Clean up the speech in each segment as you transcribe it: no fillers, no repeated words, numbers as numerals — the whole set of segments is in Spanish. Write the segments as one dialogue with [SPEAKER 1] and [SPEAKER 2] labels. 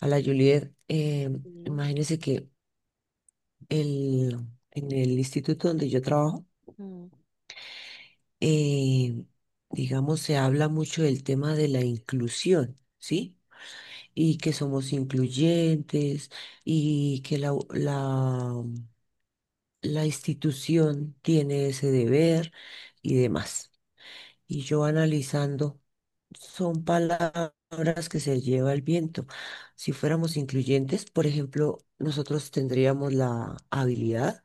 [SPEAKER 1] A la Juliet,
[SPEAKER 2] Sí,
[SPEAKER 1] imagínense que el, en el instituto donde yo trabajo,
[SPEAKER 2] mm,
[SPEAKER 1] eh, digamos, se habla mucho del tema de la inclusión, ¿sí? Y que somos incluyentes y que la institución tiene ese deber y demás. Y yo analizando, son palabras que se lleva el viento. Si fuéramos incluyentes, por ejemplo, nosotros tendríamos la habilidad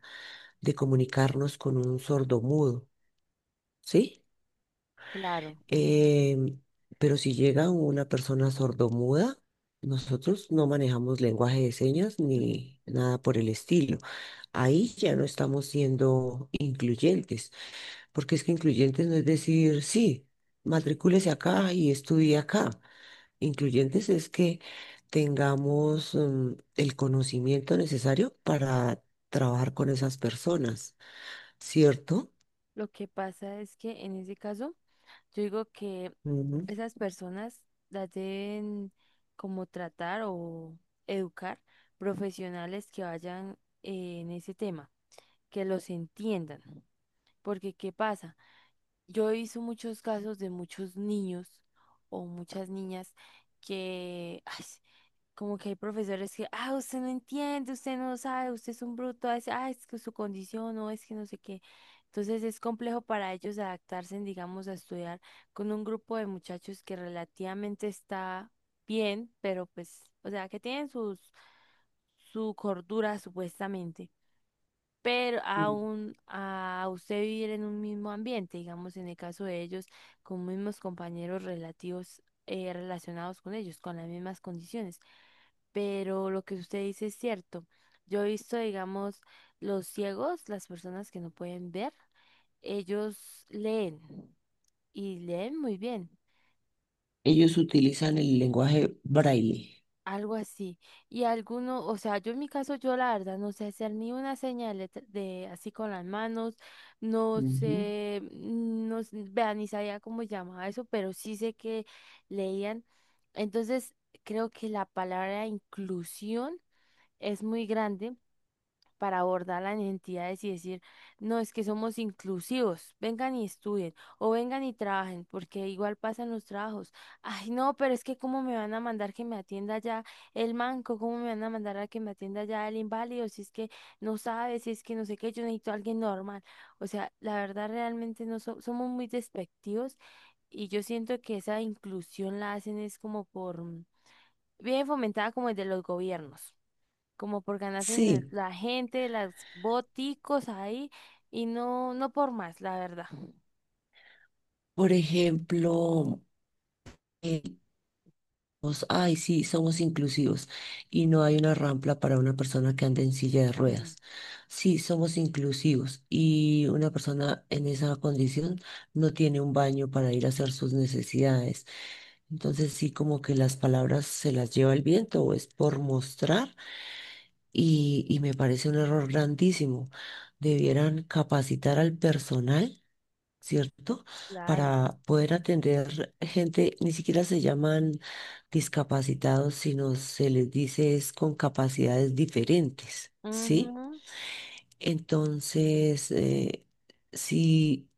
[SPEAKER 1] de comunicarnos con un sordomudo, ¿sí?
[SPEAKER 2] claro.
[SPEAKER 1] Em, pero si llega una persona sordomuda, nosotros no manejamos lenguaje de señas ni nada por el estilo. Ahí ya no estamos siendo incluyentes porque es que incluyentes no es decir, sí, matricúlese acá y estudie acá. Incluyentes es que tengamos el conocimiento necesario para trabajar con esas personas, ¿cierto?
[SPEAKER 2] Lo que pasa es que en ese caso, yo digo que
[SPEAKER 1] Ujú.
[SPEAKER 2] esas personas las deben como tratar o educar profesionales que vayan en ese tema, que los entiendan. Porque, ¿qué pasa? Yo he visto muchos casos de muchos niños o muchas niñas que, ay, como que hay profesores que, ah, usted no entiende, usted no sabe, usted es un bruto, ah, es que su condición, no, es que no sé qué. Entonces es complejo para ellos adaptarse, en, digamos, a estudiar con un grupo de muchachos que relativamente está bien, pero pues, o sea, que tienen sus, su cordura supuestamente, pero
[SPEAKER 1] Mm.
[SPEAKER 2] aún a usted vivir en un mismo ambiente, digamos, en el caso de ellos, con mismos compañeros relativos, relacionados con ellos, con las mismas condiciones. Pero lo que usted dice es cierto. Yo he visto, digamos, los ciegos, las personas que no pueden ver, ellos leen y leen muy bien,
[SPEAKER 1] Ellos utilizan el lenguaje braille.
[SPEAKER 2] algo así. Y alguno, o sea, yo en mi caso, yo la verdad no sé hacer ni una señal de, así con las manos, no
[SPEAKER 1] Ujú.
[SPEAKER 2] sé, no, vea, ni sabía cómo llamaba eso, pero sí sé que leían. Entonces, creo que la palabra inclusión es muy grande para abordar las entidades y decir, no, es que somos inclusivos, vengan y estudien o vengan y trabajen, porque igual pasan los trabajos. Ay, no, pero es que cómo me van a mandar que me atienda ya el manco, cómo me van a mandar a que me atienda ya el inválido, si es que no sabe, si es que no sé qué, yo necesito a alguien normal. O sea, la verdad realmente no so- somos muy despectivos y yo siento que esa inclusión la hacen es como por, bien fomentada como desde los gobiernos como por ganarse en
[SPEAKER 1] Sí,
[SPEAKER 2] la gente, las boticos ahí, y no, no por más, la verdad.
[SPEAKER 1] por ejemplo. Somos, ay, sí, somos inclusivos y no hay una rampa para una persona que ande en silla de
[SPEAKER 2] Mm,
[SPEAKER 1] ruedas. Sí, somos inclusivos y una persona en esa condición no tiene un baño para ir a hacer sus necesidades. Entonces sí, como que las palabras se las lleva el viento o es por mostrar y, me parece un error grandísimo. Debieran capacitar al personal, ¿cierto?
[SPEAKER 2] claro,
[SPEAKER 1] Para poder atender gente, ni siquiera se llaman discapacitados, sino se les dice es con capacidades diferentes, ¿sí?
[SPEAKER 2] ujú,
[SPEAKER 1] Entonces, si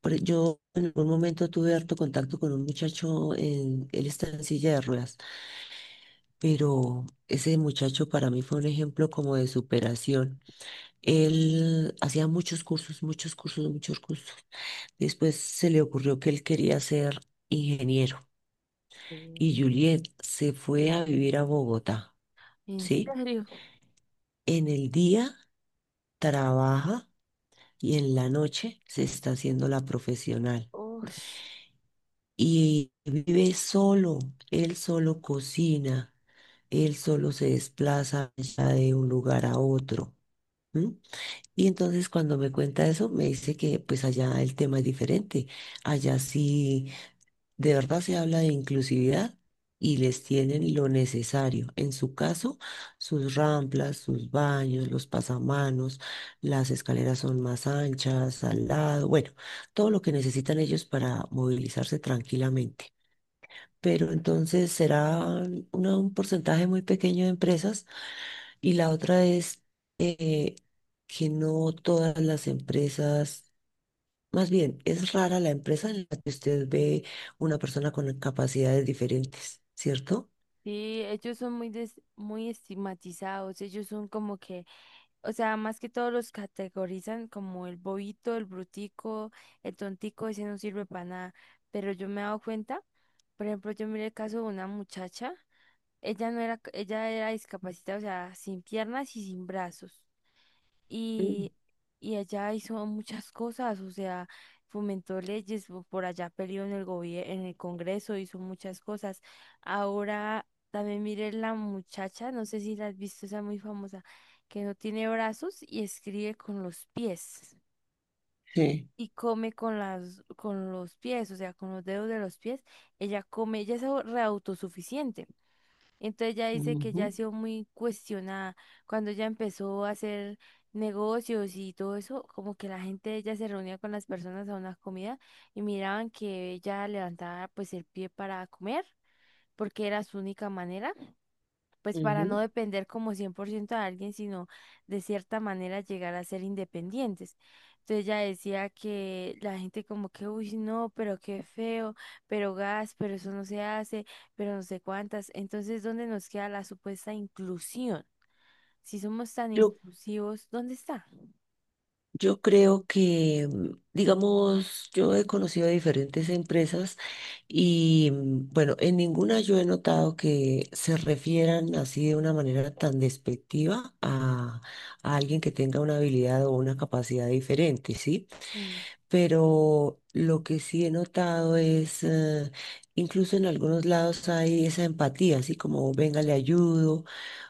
[SPEAKER 1] yo en algún momento tuve harto contacto con un muchacho, en, él está en silla de ruedas, pero ese muchacho para mí fue un ejemplo como de superación. Él hacía muchos cursos, muchos cursos, muchos cursos. Después se le ocurrió que él quería ser ingeniero
[SPEAKER 2] sí.
[SPEAKER 1] y Juliet se fue a vivir a Bogotá,
[SPEAKER 2] ¿En
[SPEAKER 1] ¿sí?
[SPEAKER 2] serio?
[SPEAKER 1] En el día trabaja y en la noche se está haciendo la profesional.
[SPEAKER 2] Ush.
[SPEAKER 1] Y vive solo, él solo cocina, él solo se desplaza ya de un lugar a otro. ¿M? Y entonces cuando me cuenta eso, me dice que pues allá el tema es diferente. Allá sí de verdad se habla de inclusividad y les tienen lo necesario. En su caso, sus ramplas, sus baños, los pasamanos, las escaleras son más anchas, al lado, bueno, todo lo que necesitan ellos para movilizarse tranquilamente. Pero entonces será una- un porcentaje muy pequeño de empresas y la otra es eh, que no todas las empresas más bien, es rara la empresa en la que usted ve una persona con capacidades diferentes, ¿cierto?
[SPEAKER 2] Sí, ellos son muy, muy estigmatizados, ellos son como que, o sea, más que todos los categorizan como el bobito, el brutico, el tontico, ese no sirve para nada, pero yo me he dado cuenta, por ejemplo, yo miré el caso de una muchacha. Ella no era, ella era discapacitada, o sea, sin piernas y sin brazos.
[SPEAKER 1] Mm.
[SPEAKER 2] Y, y ella hizo muchas cosas, o sea, fomentó leyes, por allá peleó en en el Congreso, hizo muchas cosas. Ahora también mire la muchacha, no sé si la has visto, esa muy famosa, que no tiene brazos y escribe con los pies.
[SPEAKER 1] Sí.
[SPEAKER 2] Y come con las, con los pies, o sea, con los dedos de los pies. Ella come, ella es reautosuficiente. Entonces ya dice que
[SPEAKER 1] Ujú,
[SPEAKER 2] ya ha sido muy cuestionada cuando ella empezó a hacer negocios y todo eso, como que la gente de ella se reunía con las personas a una comida y miraban que ella levantaba pues el pie para comer porque era su única manera pues para no
[SPEAKER 1] ujú.
[SPEAKER 2] depender como 100% de alguien, sino de cierta manera llegar a ser independientes. Entonces ella decía que la gente como que, uy, no, pero qué feo, pero gas, pero eso no se hace, pero no sé cuántas. Entonces, ¿dónde nos queda la supuesta inclusión? Si somos tan
[SPEAKER 1] Yo,
[SPEAKER 2] inclusivos, ¿dónde está?
[SPEAKER 1] yo creo que, digamos, yo he conocido diferentes empresas y, bueno, en ninguna yo he notado que se refieran así de una manera tan despectiva a alguien que tenga una habilidad o una capacidad diferente, ¿sí?
[SPEAKER 2] Mm.
[SPEAKER 1] Pero lo que sí he notado es, incluso en algunos lados hay esa empatía, así como venga, le ayudo,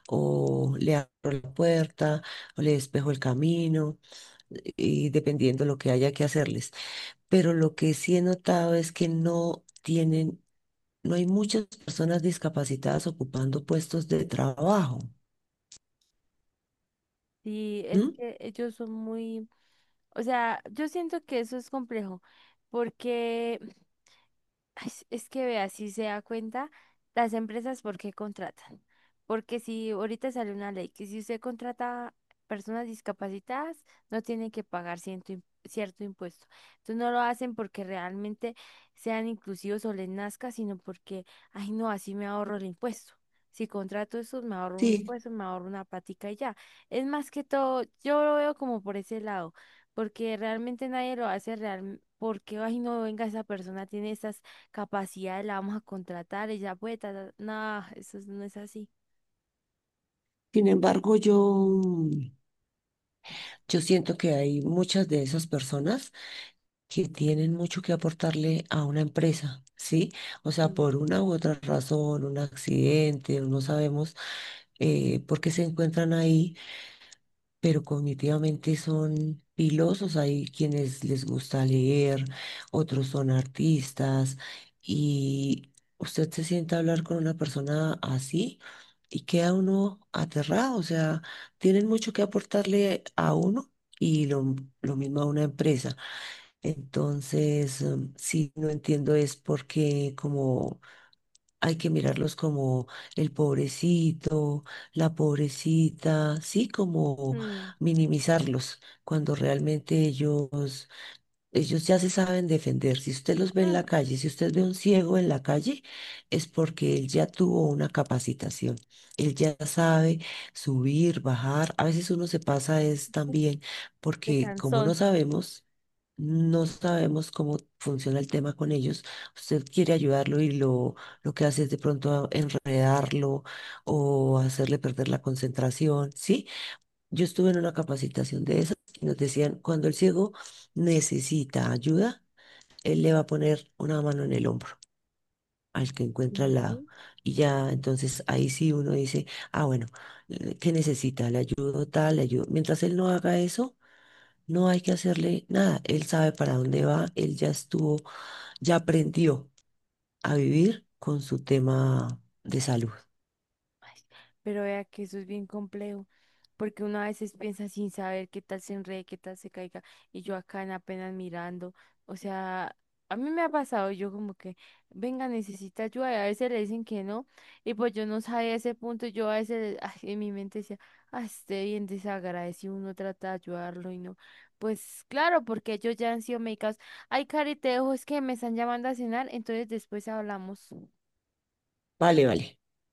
[SPEAKER 1] o le abro la puerta, o le despejo el camino, y dependiendo lo que haya que hacerles. Pero lo que sí he notado es que no tienen, no hay muchas personas discapacitadas ocupando puestos de trabajo.
[SPEAKER 2] Sí, es
[SPEAKER 1] ¿M?
[SPEAKER 2] que ellos son muy, o sea, yo siento que eso es complejo, porque ay, es que vea, si se da cuenta, las empresas, ¿por qué contratan? Porque si ahorita sale una ley que si usted contrata personas discapacitadas, no tiene que pagar cierto impuesto. Entonces no lo hacen porque realmente sean inclusivos o les nazca, sino porque, ay no, así me ahorro el impuesto. Si contrato eso, me ahorro un
[SPEAKER 1] Sí,
[SPEAKER 2] impuesto, me ahorro una patica y ya. Es más que todo, yo lo veo como por ese lado, porque realmente nadie lo hace real, porque, ay no, venga, esa persona tiene estas capacidad la vamos a contratar, ella puede, ta, ta, ta. No, eso no es así.
[SPEAKER 1] sin embargo, yo siento que hay muchas de esas personas que tienen mucho que aportarle a una empresa, ¿sí? O sea,
[SPEAKER 2] Sí.
[SPEAKER 1] por una u otra razón, un accidente, no sabemos por qué se encuentran ahí, pero cognitivamente son pilosos. Hay quienes les gusta leer, otros son artistas, y usted se sienta a hablar con una persona así. Y queda uno aterrado, o sea, tienen mucho que aportarle a uno y lo mismo a una empresa. Entonces, sí, no entiendo es porque como hay que mirarlos como el pobrecito, la pobrecita, sí, como
[SPEAKER 2] Mm,
[SPEAKER 1] minimizarlos, cuando realmente ellos, ellos ya se saben defender. Si usted los ve en la
[SPEAKER 2] mm,
[SPEAKER 1] calle, si usted ve a un ciego en la calle, es porque él ya tuvo una capacitación. Él ya sabe subir, bajar. A veces uno se pasa es también
[SPEAKER 2] de
[SPEAKER 1] porque como no
[SPEAKER 2] canzón.
[SPEAKER 1] sabemos cómo funciona el tema con ellos. Usted quiere ayudarlo y lo que hace es de pronto enredarlo o hacerle perder la concentración, ¿sí? Yo estuve en una capacitación de esas y nos decían, cuando el ciego necesita ayuda, él le va a poner una mano en el hombro al que encuentra al lado. Y ya, entonces ahí sí uno dice, ah, bueno, ¿qué necesita? Le ayudo tal, le ayudo. Mientras él no haga eso, no hay que hacerle nada. Él sabe para dónde va, él ya estuvo, ya aprendió a vivir con su tema de salud.
[SPEAKER 2] Ay, pero vea que eso es bien complejo, porque uno a veces piensa sin saber qué tal se enrede, qué tal se caiga, y yo acá en apenas mirando, o sea, a mí me ha pasado, yo como que, venga, necesita ayuda, y a veces le dicen que no, y pues yo no sabía ese punto, yo a veces ay, en mi mente decía, ah, esté bien desagradecido, uno trata de ayudarlo y no, pues claro, porque ellos ya han sido medicados, ay, Cari, te dejo, es que me están llamando a cenar, entonces después hablamos.
[SPEAKER 1] Vale, vale.